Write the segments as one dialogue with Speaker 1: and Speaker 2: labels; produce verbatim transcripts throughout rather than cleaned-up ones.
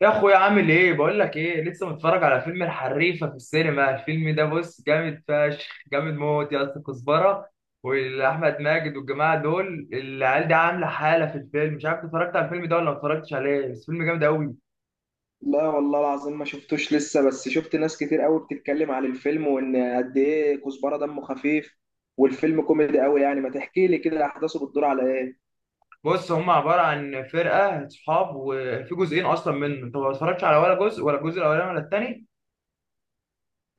Speaker 1: يا اخويا، عامل ايه؟ بقول لك ايه، لسه متفرج على فيلم الحريفه في السينما. الفيلم ده بص جامد فشخ، جامد موت يا اسطى. كزبره واحمد ماجد والجماعه دول، العيال دي عامله حاله في الفيلم. مش عارف اتفرجت على الفيلم ده ولا ما اتفرجتش عليه، بس فيلم جامد قوي.
Speaker 2: لا والله العظيم ما شفتوش لسه، بس شفت ناس كتير قوي بتتكلم عن الفيلم وان قد ايه كزبره دمه خفيف. والفيلم كوميدي قوي، يعني ما تحكي لي كده احداثه بتدور على ايه.
Speaker 1: بص، هم عباره عن فرقه صحاب، وفي جزئين اصلا منه. انت ما اتفرجتش على ولا جزء؟ ولا الجزء الاولاني ولا التاني؟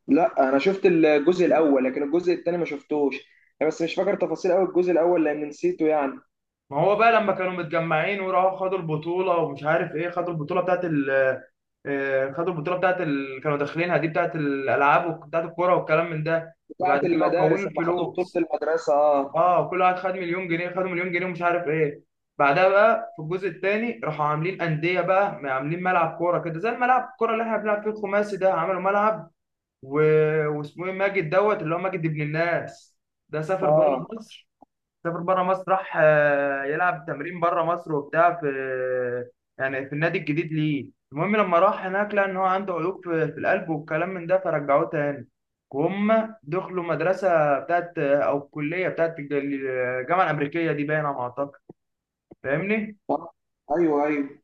Speaker 2: لا انا شفت الجزء الاول لكن الجزء الثاني ما شفتوش، يعني بس مش فاكر تفاصيل قوي الجزء الاول لان نسيته يعني.
Speaker 1: ما هو بقى لما كانوا متجمعين وراحوا خدوا البطوله، ومش عارف ايه، خدوا البطوله بتاعت آه، خدوا البطوله بتاعت ال... كانوا داخلينها دي، بتاعت الالعاب وبتاعت الكوره والكلام من ده.
Speaker 2: بتاعه
Speaker 1: فبعد كده كونوا
Speaker 2: المدارس لما خدوا بطولة
Speaker 1: الفلوس.
Speaker 2: المدرسة، اه.
Speaker 1: اه، كل واحد خد مليون جنيه، خدوا مليون جنيه ومش عارف ايه. بعدها بقى في الجزء الثاني راحوا عاملين انديه، بقى عاملين ملعب كوره كده، زي الملعب الكوره اللي احنا بنلعب فيه الخماسي ده، عملوا ملعب و... واسمه ايه، ماجد دوت، اللي هو ماجد ابن الناس، ده سافر بره
Speaker 2: اه،
Speaker 1: مصر. سافر بره مصر، راح آه، يلعب تمرين بره مصر وبتاع، في يعني في النادي الجديد ليه. المهم، لما راح هناك لقى ان هو عنده عيوب في, في القلب والكلام من ده، فرجعوه تاني. وهم دخلوا مدرسة بتاعت آه، او كلية بتاعت الج- الجامعة الأمريكية دي، باينة على ما أعتقد. فاهمني؟
Speaker 2: آه. ايوه ايوه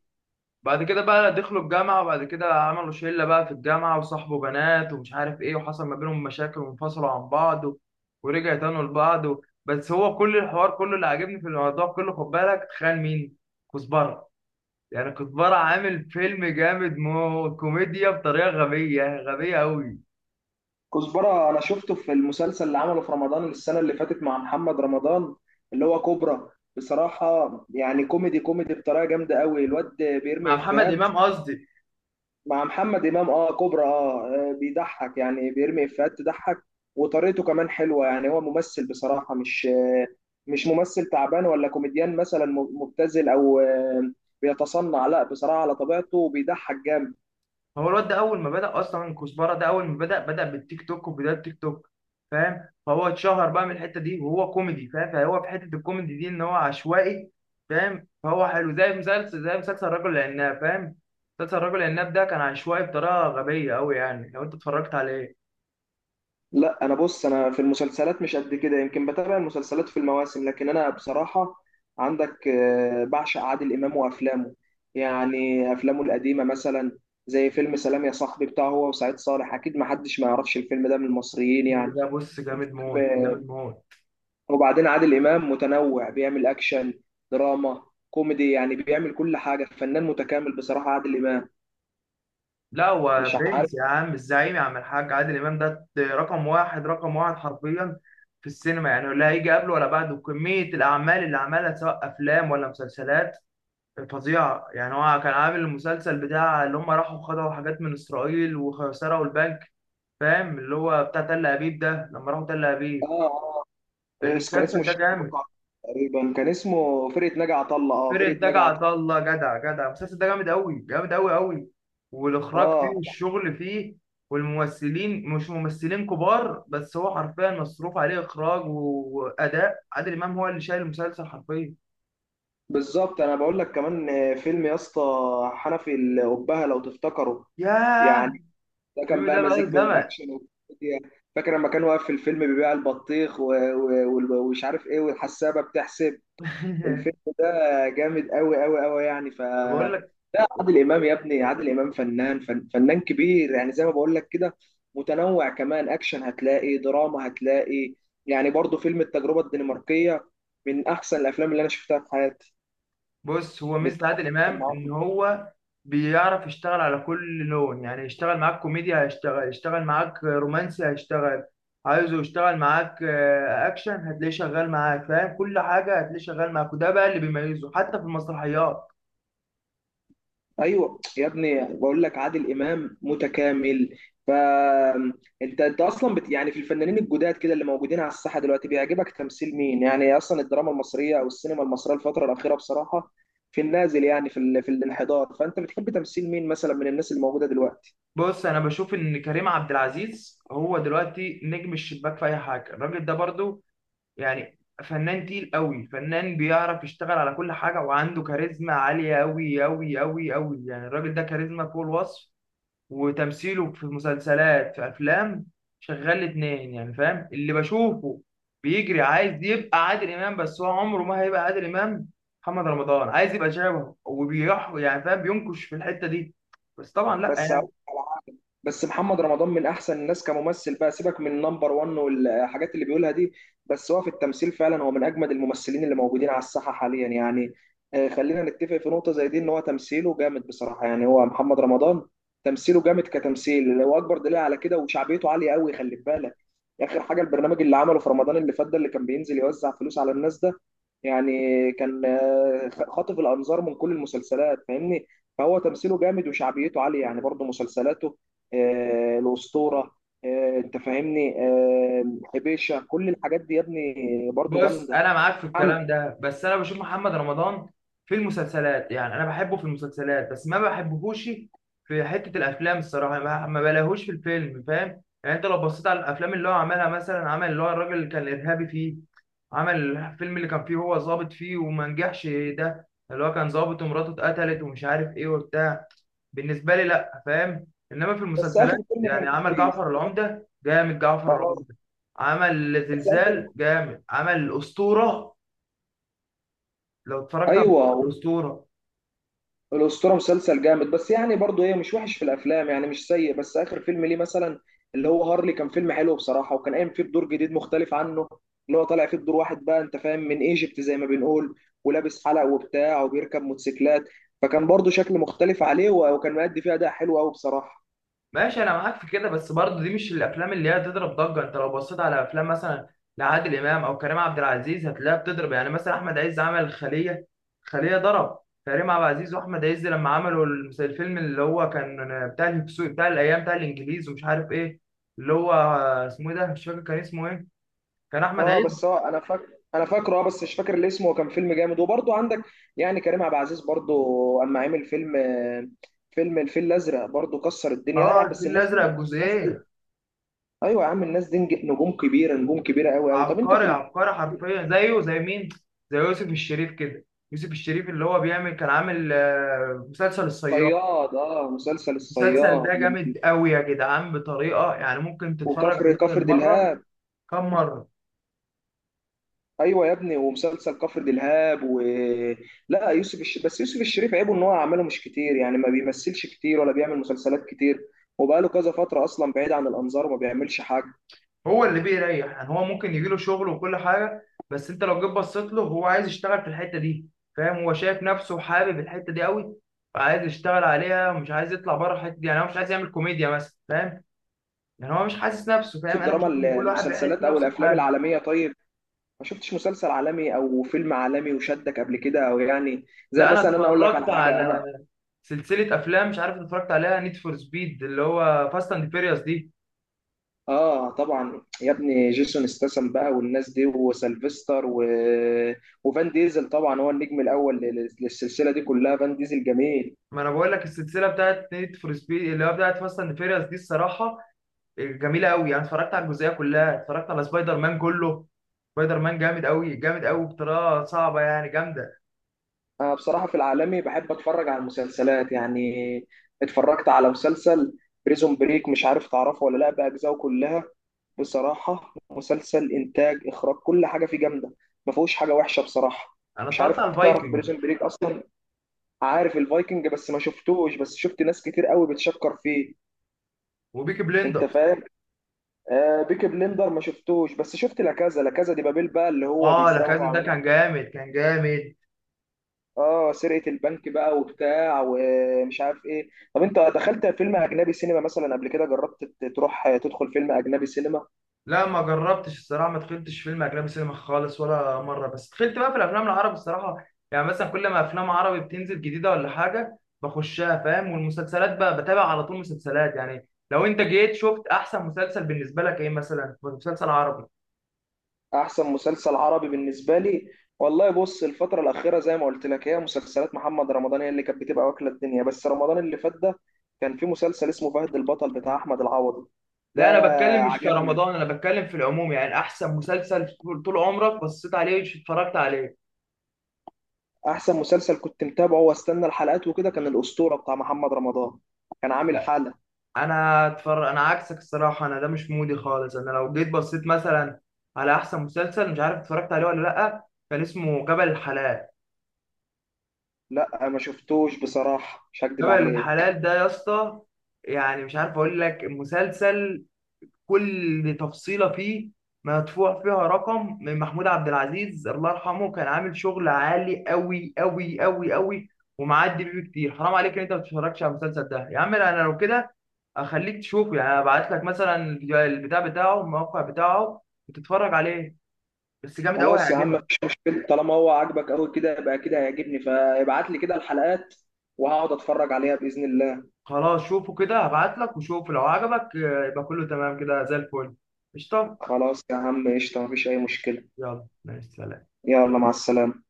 Speaker 1: بعد كده بقى دخلوا الجامعة، وبعد كده عملوا شلة بقى في الجامعة، وصاحبوا بنات ومش عارف ايه، وحصل ما بينهم مشاكل وانفصلوا عن بعض و- ورجعوا تانوا لبعض و... بس هو كل الحوار كله اللي عاجبني في الموضوع كله. خد بالك، تخيل مين؟ كزبرة. يعني كزبرة عامل فيلم جامد، مو كوميديا بطريقة غبية غبية أوي.
Speaker 2: كزبرة أنا شفته في المسلسل اللي عمله في رمضان السنة اللي فاتت مع محمد رمضان، اللي هو كوبرا. بصراحة يعني كوميدي كوميدي بطريقة جامدة قوي، الواد
Speaker 1: مع
Speaker 2: بيرمي
Speaker 1: محمد
Speaker 2: إفيهات.
Speaker 1: إمام قصدي.
Speaker 2: مع محمد إمام أه، كوبرا أه. آه، بيضحك يعني بيرمي إفيهات تضحك. وطريقته كمان حلوة، يعني هو ممثل بصراحة، مش آه، مش ممثل تعبان ولا كوميديان مثلا مبتذل أو آه، بيتصنع، لا بصراحة على طبيعته بيضحك جامد.
Speaker 1: هو الواد ده اول ما بدأ اصلا كزبره، ده اول ما بدأ بدأ بالتيك توك وبداية التيك توك، فاهم؟ فهو اتشهر بقى من الحتة دي، وهو كوميدي فاهم. فهو في حتة الكوميدي دي ان هو عشوائي فاهم. فهو حلو، زي مسلسل، زي مسلسل الرجل العناب فاهم. مسلسل الرجل العناب ده كان عشوائي بطريقة غبية قوي، يعني لو انت اتفرجت عليه،
Speaker 2: لا انا بص، انا في المسلسلات مش قد كده، يمكن بتابع المسلسلات في المواسم، لكن انا بصراحه عندك آه، بعشق عادل امام وافلامه. يعني افلامه القديمه مثلا زي فيلم سلام يا صاحبي بتاعه هو وسعيد صالح، اكيد ما حدش ما يعرفش الفيلم ده من المصريين يعني.
Speaker 1: ده بص جامد موت،
Speaker 2: الفيلم- آه،
Speaker 1: جامد موت.
Speaker 2: وبعدين عادل امام متنوع، بيعمل اكشن، دراما، كوميدي، يعني بيعمل كل حاجه، فنان متكامل بصراحه عادل امام.
Speaker 1: لا، هو
Speaker 2: مش عارف.
Speaker 1: برنس يا عم، الزعيم يا عم، الحاج عادل امام ده رقم واحد، رقم واحد حرفيا في السينما يعني. لا هيجي قبله ولا بعده. كمية الأعمال اللي عملها سواء أفلام ولا مسلسلات، فظيعة يعني. هو كان عامل المسلسل بتاع اللي هم راحوا خدعوا حاجات من إسرائيل وسرقوا البنك، فاهم؟ اللي هو بتاع تل أبيب ده، لما راحوا تل
Speaker 2: اه،
Speaker 1: أبيب.
Speaker 2: آه، إيش كان
Speaker 1: المسلسل
Speaker 2: اسمه؟
Speaker 1: ده
Speaker 2: الشيخ أبو
Speaker 1: جامد.
Speaker 2: قعب تقريبا. كان اسمه فرقه ناجي عطا الله، اه،
Speaker 1: فرقة
Speaker 2: فرقه
Speaker 1: ناجي
Speaker 2: ناجي عطا
Speaker 1: عطا الله، جدع جدع. المسلسل ده جامد قوي، جامد قوي قوي.
Speaker 2: الله
Speaker 1: والإخراج فيه
Speaker 2: اه.
Speaker 1: والشغل فيه. والممثلين مش ممثلين كبار، بس هو حرفيا مصروف عليه إخراج. وأداء عادل إمام هو اللي شايل المسلسل حرفيا.
Speaker 2: بالظبط، انا بقول لك كمان آه، فيلم يا اسطى حنفي الأبهة لو تفتكره.
Speaker 1: ياه،
Speaker 2: يعني ده كان
Speaker 1: الفيلم
Speaker 2: بقى
Speaker 1: ده
Speaker 2: مزيج
Speaker 1: بقاله
Speaker 2: بين
Speaker 1: زمن.
Speaker 2: الاكشن والكوميديا. فاكر لما كان واقف في الفيلم بيبيع البطيخ و- و- وال- ومش عارف ايه، والحسابه بتحسب. الفيلم ده جامد قوي قوي قوي يعني. ف
Speaker 1: بقول لك.
Speaker 2: عادل امام يا ابني، عادل امام فنان، فن فنان كبير، يعني زي ما بقول لك كده متنوع، كمان اكشن هتلاقي، دراما هتلاقي، يعني برضو فيلم التجربه الدنماركيه من احسن الافلام اللي انا شفتها في حياتي.
Speaker 1: بص، هو ميزة عادل
Speaker 2: بيتكلم
Speaker 1: إمام إن
Speaker 2: معاهم.
Speaker 1: هو بيعرف يشتغل على كل لون. يعني يشتغل معاك كوميديا هيشتغل، يشتغل معاك رومانسي هيشتغل، عايزه يشتغل معاك آه، أكشن هتلاقيه شغال معاك، فاهم؟ كل حاجة هتلاقيه شغال معاك، وده بقى اللي بيميزه، حتى في المسرحيات.
Speaker 2: ايوه يا ابني، بقول لك عادل امام متكامل. فانت انت انت اصلا بت... يعني في الفنانين الجداد كده اللي موجودين على الساحه دلوقتي، بيعجبك تمثيل مين؟ يعني اصلا الدراما المصريه او السينما المصريه الفتره الاخيره بصراحه في النازل، يعني في ال... في الانحدار، فانت بتحب تمثيل مين مثلا من الناس اللي موجوده دلوقتي؟
Speaker 1: بص، أنا بشوف إن كريم عبد العزيز هو دلوقتي نجم الشباك في أي حاجة. الراجل ده برضو يعني فنان تقيل قوي، فنان بيعرف يشتغل على كل حاجة، وعنده كاريزما عالية قوي قوي قوي قوي يعني. الراجل ده كاريزما فوق الوصف. وتمثيله في مسلسلات في افلام، شغال الاتنين يعني، فاهم؟ اللي بشوفه بيجري عايز يبقى عادل امام، بس هو عمره ما هيبقى عادل امام. محمد رمضان عايز يبقى شبهه وبيح يعني، فاهم؟ بينكش في الحته دي، بس طبعا لا
Speaker 2: بس
Speaker 1: يعني.
Speaker 2: هقول على حاجة. بس محمد رمضان من احسن الناس كممثل بقى، سيبك من نمبر واحد والحاجات اللي بيقولها دي، بس هو في التمثيل فعلا هو من اجمد الممثلين اللي موجودين على الساحه حاليا يعني. آه، خلينا نتفق في نقطه زي دي، ان هو تمثيله جامد بصراحه، يعني هو محمد رمضان تمثيله جامد كتمثيل، هو اكبر دليل على كده. وشعبيته عاليه قوي، خلي بالك. اخر حاجه البرنامج اللي عمله في رمضان اللي فات ده اللي كان بينزل يوزع فلوس على الناس ده، يعني كان آه، خاطف الانظار من كل المسلسلات، فاهمني؟ فهو تمثيله جامد وشعبيته عالية يعني. برضه مسلسلاته آه، الأسطورة آه، أنت فاهمني. آه، حبيشة، كل الحاجات دي يا ابني برضه
Speaker 1: بص،
Speaker 2: جامدة.
Speaker 1: انا معاك في
Speaker 2: نعم.
Speaker 1: الكلام ده، بس انا بشوف محمد رمضان في المسلسلات يعني، انا بحبه في المسلسلات، بس ما بحبهوش في حته الافلام الصراحه. ما ما بلاهوش في الفيلم، فاهم يعني؟ انت لو بصيت على الافلام اللي هو عملها مثلا، عمل اللي هو الراجل اللي كان ارهابي فيه، عمل الفيلم اللي كان فيه هو ظابط فيه وما نجحش، ده اللي هو كان ظابط ومراته اتقتلت ومش عارف ايه وبتاع. بالنسبه لي لا، فاهم؟ انما في
Speaker 2: بس
Speaker 1: المسلسلات
Speaker 2: آخر فيلم
Speaker 1: يعني،
Speaker 2: كان
Speaker 1: عمل
Speaker 2: كويس.
Speaker 1: جعفر العمده جامد، جعفر
Speaker 2: خلاص.
Speaker 1: العمده. عمل
Speaker 2: بس آخر
Speaker 1: زلزال جامد، عمل الاسطوره. لو اتفرجت على
Speaker 2: أيوه.
Speaker 1: الاسطوره.
Speaker 2: الأسطورة مسلسل جامد، بس يعني برضه ايه، مش وحش في الأفلام يعني، مش سيء. بس آخر فيلم ليه مثلا، اللي هو هارلي، كان فيلم حلو بصراحة، وكان قايم فيه بدور جديد مختلف عنه، اللي هو طالع فيه بدور واحد بقى أنت فاهم من ايجيبت زي ما بنقول، ولابس حلق وبتاع، وبيركب موتوسيكلات. فكان برضه شكل مختلف عليه، و- وكان مأدي فيه أداء حلو أوي بصراحة.
Speaker 1: ماشي، انا معاك في كده، بس برضه دي مش الافلام اللي هي تضرب ضجه. انت لو بصيت على افلام مثلا لعادل امام او كريم عبد العزيز، هتلاقيها بتضرب يعني. مثلا احمد عز عمل خليه، خليه ضرب. كريم عبد العزيز واحمد عز لما عملوا المس- الفيلم اللي هو كان بتاع الهكسو، بتاع الايام، بتاع الانجليز ومش عارف ايه، اللي هو اسمه إيه ده، مش فاكر كان اسمه ايه. كان احمد
Speaker 2: اه بس
Speaker 1: عز.
Speaker 2: هو انا فاكر، انا فاكره اه، بس مش فاكر اللي اسمه. وكان فيلم جامد، وبرضه عندك يعني كريم عبد العزيز برضه اما عمل فيلم، آه، فيلم الفيل الازرق برضه كسر الدنيا، لا
Speaker 1: اه،
Speaker 2: يعني بس
Speaker 1: الفيل
Speaker 2: الناس
Speaker 1: الازرق
Speaker 2: دي الناس.
Speaker 1: الجزئين.
Speaker 2: ايوه يا عم، الناس دي نج- نجوم كبيره، نجوم كبيره قوي قوي. طب انت
Speaker 1: عبقري،
Speaker 2: في
Speaker 1: عبقري حرفيا. زيه زي مين؟ زي يوسف الشريف كده. يوسف الشريف اللي هو بيعمل، كان عامل آه، مسلسل الصياد.
Speaker 2: الصياد؟ اه مسلسل
Speaker 1: المسلسل ده
Speaker 2: الصياد من.
Speaker 1: جامد قوي يا جدعان، بطريقه يعني ممكن تتفرج
Speaker 2: وكفر
Speaker 1: عليه
Speaker 2: كفر
Speaker 1: بدل مره
Speaker 2: دلهاب.
Speaker 1: كم مره.
Speaker 2: ايوه يا ابني، ومسلسل كفر دلهاب و. لا يوسف الش... بس يوسف الشريف عيبه ان هو اعماله مش كتير، يعني ما بيمثلش كتير ولا بيعمل مسلسلات كتير، وبقاله كذا فتره اصلا بعيد عن الانظار وما بيعملش حاجه.
Speaker 1: هو اللي بيريح يعني. هو ممكن يجيله شغل وكل حاجه، بس انت لو جيت بصيت له، هو عايز يشتغل في الحته دي. فاهم؟ هو شايف نفسه وحابب الحته دي قوي. فعايز يشتغل عليها ومش عايز يطلع بره الحته دي. يعني هو مش عايز يعمل كوميديا مثلا، فاهم؟ يعني هو مش حاسس نفسه،
Speaker 2: في
Speaker 1: فاهم؟ انا
Speaker 2: الدراما
Speaker 1: بشوف
Speaker 2: ال-
Speaker 1: ان كل واحد بيحس
Speaker 2: المسلسلات او
Speaker 1: نفسه
Speaker 2: الافلام
Speaker 1: بحاجه.
Speaker 2: العالميه طيب، ما شفتش مسلسل عالمي او فيلم عالمي وشدك قبل كده، او يعني زي
Speaker 1: لا، انا
Speaker 2: مثلا انا اقول لك على
Speaker 1: اتفرجت على
Speaker 2: حاجه.
Speaker 1: سلسله افلام مش عارف اتفرجت عليها، نيد فور سبيد، اللي هو فاست اند فيريوس دي.
Speaker 2: اه طبعا يا ابني، جيسون استسم بقى والناس دي، وسلفستر و... وفان ديزل طبعا هو النجم الاول لل- للسلسله دي كلها. فان ديزل جميل.
Speaker 1: ما انا بقول لك، السلسله بتاعت نيد فور سبيد اللي هي بتاعت فاست اند فيريوس دي، الصراحه جميله قوي يعني. اتفرجت على الجزئيه كلها، اتفرجت على سبايدر مان كله. سبايدر مان جامد قوي، جامد قوي بطريقه صعبه يعني، جامده.
Speaker 2: انا بصراحه في العالمي بحب اتفرج على المسلسلات يعني. اتفرجت على مسلسل بريزون بريك، مش عارف تعرفه ولا لا، باجزائه كلها. بصراحه مسلسل انتاج، اخراج، كل حاجه فيه جامده، ما فيهوش حاجه وحشه بصراحه.
Speaker 1: انا
Speaker 2: مش
Speaker 1: اتفرجت على
Speaker 2: عارف تعرف
Speaker 1: الفايكنج
Speaker 2: بريزون بريك اصلا. عارف الفايكنج بس ما شفتوش، بس شفت ناس كتير قوي بتشكر فيه.
Speaker 1: وبيكي
Speaker 2: انت
Speaker 1: بليندر.
Speaker 2: فاهم. آه بيكي بلندر ما شفتوش، بس شفت لا كذا، لا كذا دي، بابيل بقى اللي هو
Speaker 1: اه، لا كذا
Speaker 2: بيسرقوا
Speaker 1: ده
Speaker 2: عمليه.
Speaker 1: كان جامد، كان جامد.
Speaker 2: اه سرقه البنك بقى وبتاع ومش عارف ايه. طب انت دخلت فيلم اجنبي سينما مثلا قبل كده؟ جربت ت- تروح، آه، تدخل فيلم اجنبي سينما؟
Speaker 1: لا، ما جربتش الصراحه، ما دخلتش فيلم اجنبي سينما خالص ولا مره، بس دخلت بقى في الافلام العربي الصراحه يعني. مثلا كل ما افلام عربي بتنزل جديده ولا حاجه بخشها، فاهم؟ والمسلسلات بقى بتابع على طول مسلسلات يعني. لو انت جيت شفت احسن مسلسل بالنسبه لك ايه، مثلا مسلسل عربي؟
Speaker 2: احسن مسلسل عربي بالنسبه لي، والله بص، الفتره الاخيره زي ما قلت لك هي مسلسلات محمد رمضان هي اللي كانت بتبقى واكله الدنيا. بس رمضان اللي فات ده كان في مسلسل اسمه فهد البطل بتاع احمد العوضي، ده
Speaker 1: لا، انا بتكلم مش
Speaker 2: عجبني.
Speaker 1: كرمضان، انا بتكلم في العموم يعني. احسن مسلسل طول طول عمرك بصيت عليه اتفرجت عليه.
Speaker 2: احسن مسلسل كنت متابعه واستنى الحلقات وكده كان الاسطوره بتاع محمد رمضان، كان عامل حاله.
Speaker 1: انا اتفرج، انا عكسك الصراحه، انا ده مش مودي خالص. انا لو جيت بصيت مثلا على احسن مسلسل مش عارف اتفرجت عليه ولا لا، كان اسمه جبل الحلال.
Speaker 2: لا ما شفتوش بصراحه، مش هكدب
Speaker 1: جبل
Speaker 2: عليك.
Speaker 1: الحلال ده يا اسطى، يعني مش عارف اقول لك. المسلسل كل تفصيلة فيه مدفوع فيها رقم. من محمود عبد العزيز الله يرحمه، كان عامل شغل عالي قوي قوي قوي قوي. ومعدي بيه كتير، حرام عليك ان انت ما تتفرجش على المسلسل ده يا عم. انا لو كده اخليك تشوفه يعني. ابعت لك مثلا البتاع بتاعه، الموقع بتاعه، وتتفرج عليه. بس جامد قوي،
Speaker 2: خلاص يا عم،
Speaker 1: هيعجبك.
Speaker 2: مفيش مشكله، طالما هو عاجبك قوي كده يبقى كده هيعجبني. فابعت لي كده الحلقات وهقعد اتفرج عليها باذن الله.
Speaker 1: خلاص، شوفه كده. هبعت لك وشوف لو عجبك آه، يبقى كله تمام كده، زي الفل. قشطة.
Speaker 2: خلاص يا عم، قشطه، مفيش اي مشكله.
Speaker 1: يلا مع السلامة.
Speaker 2: يلا مع السلامه.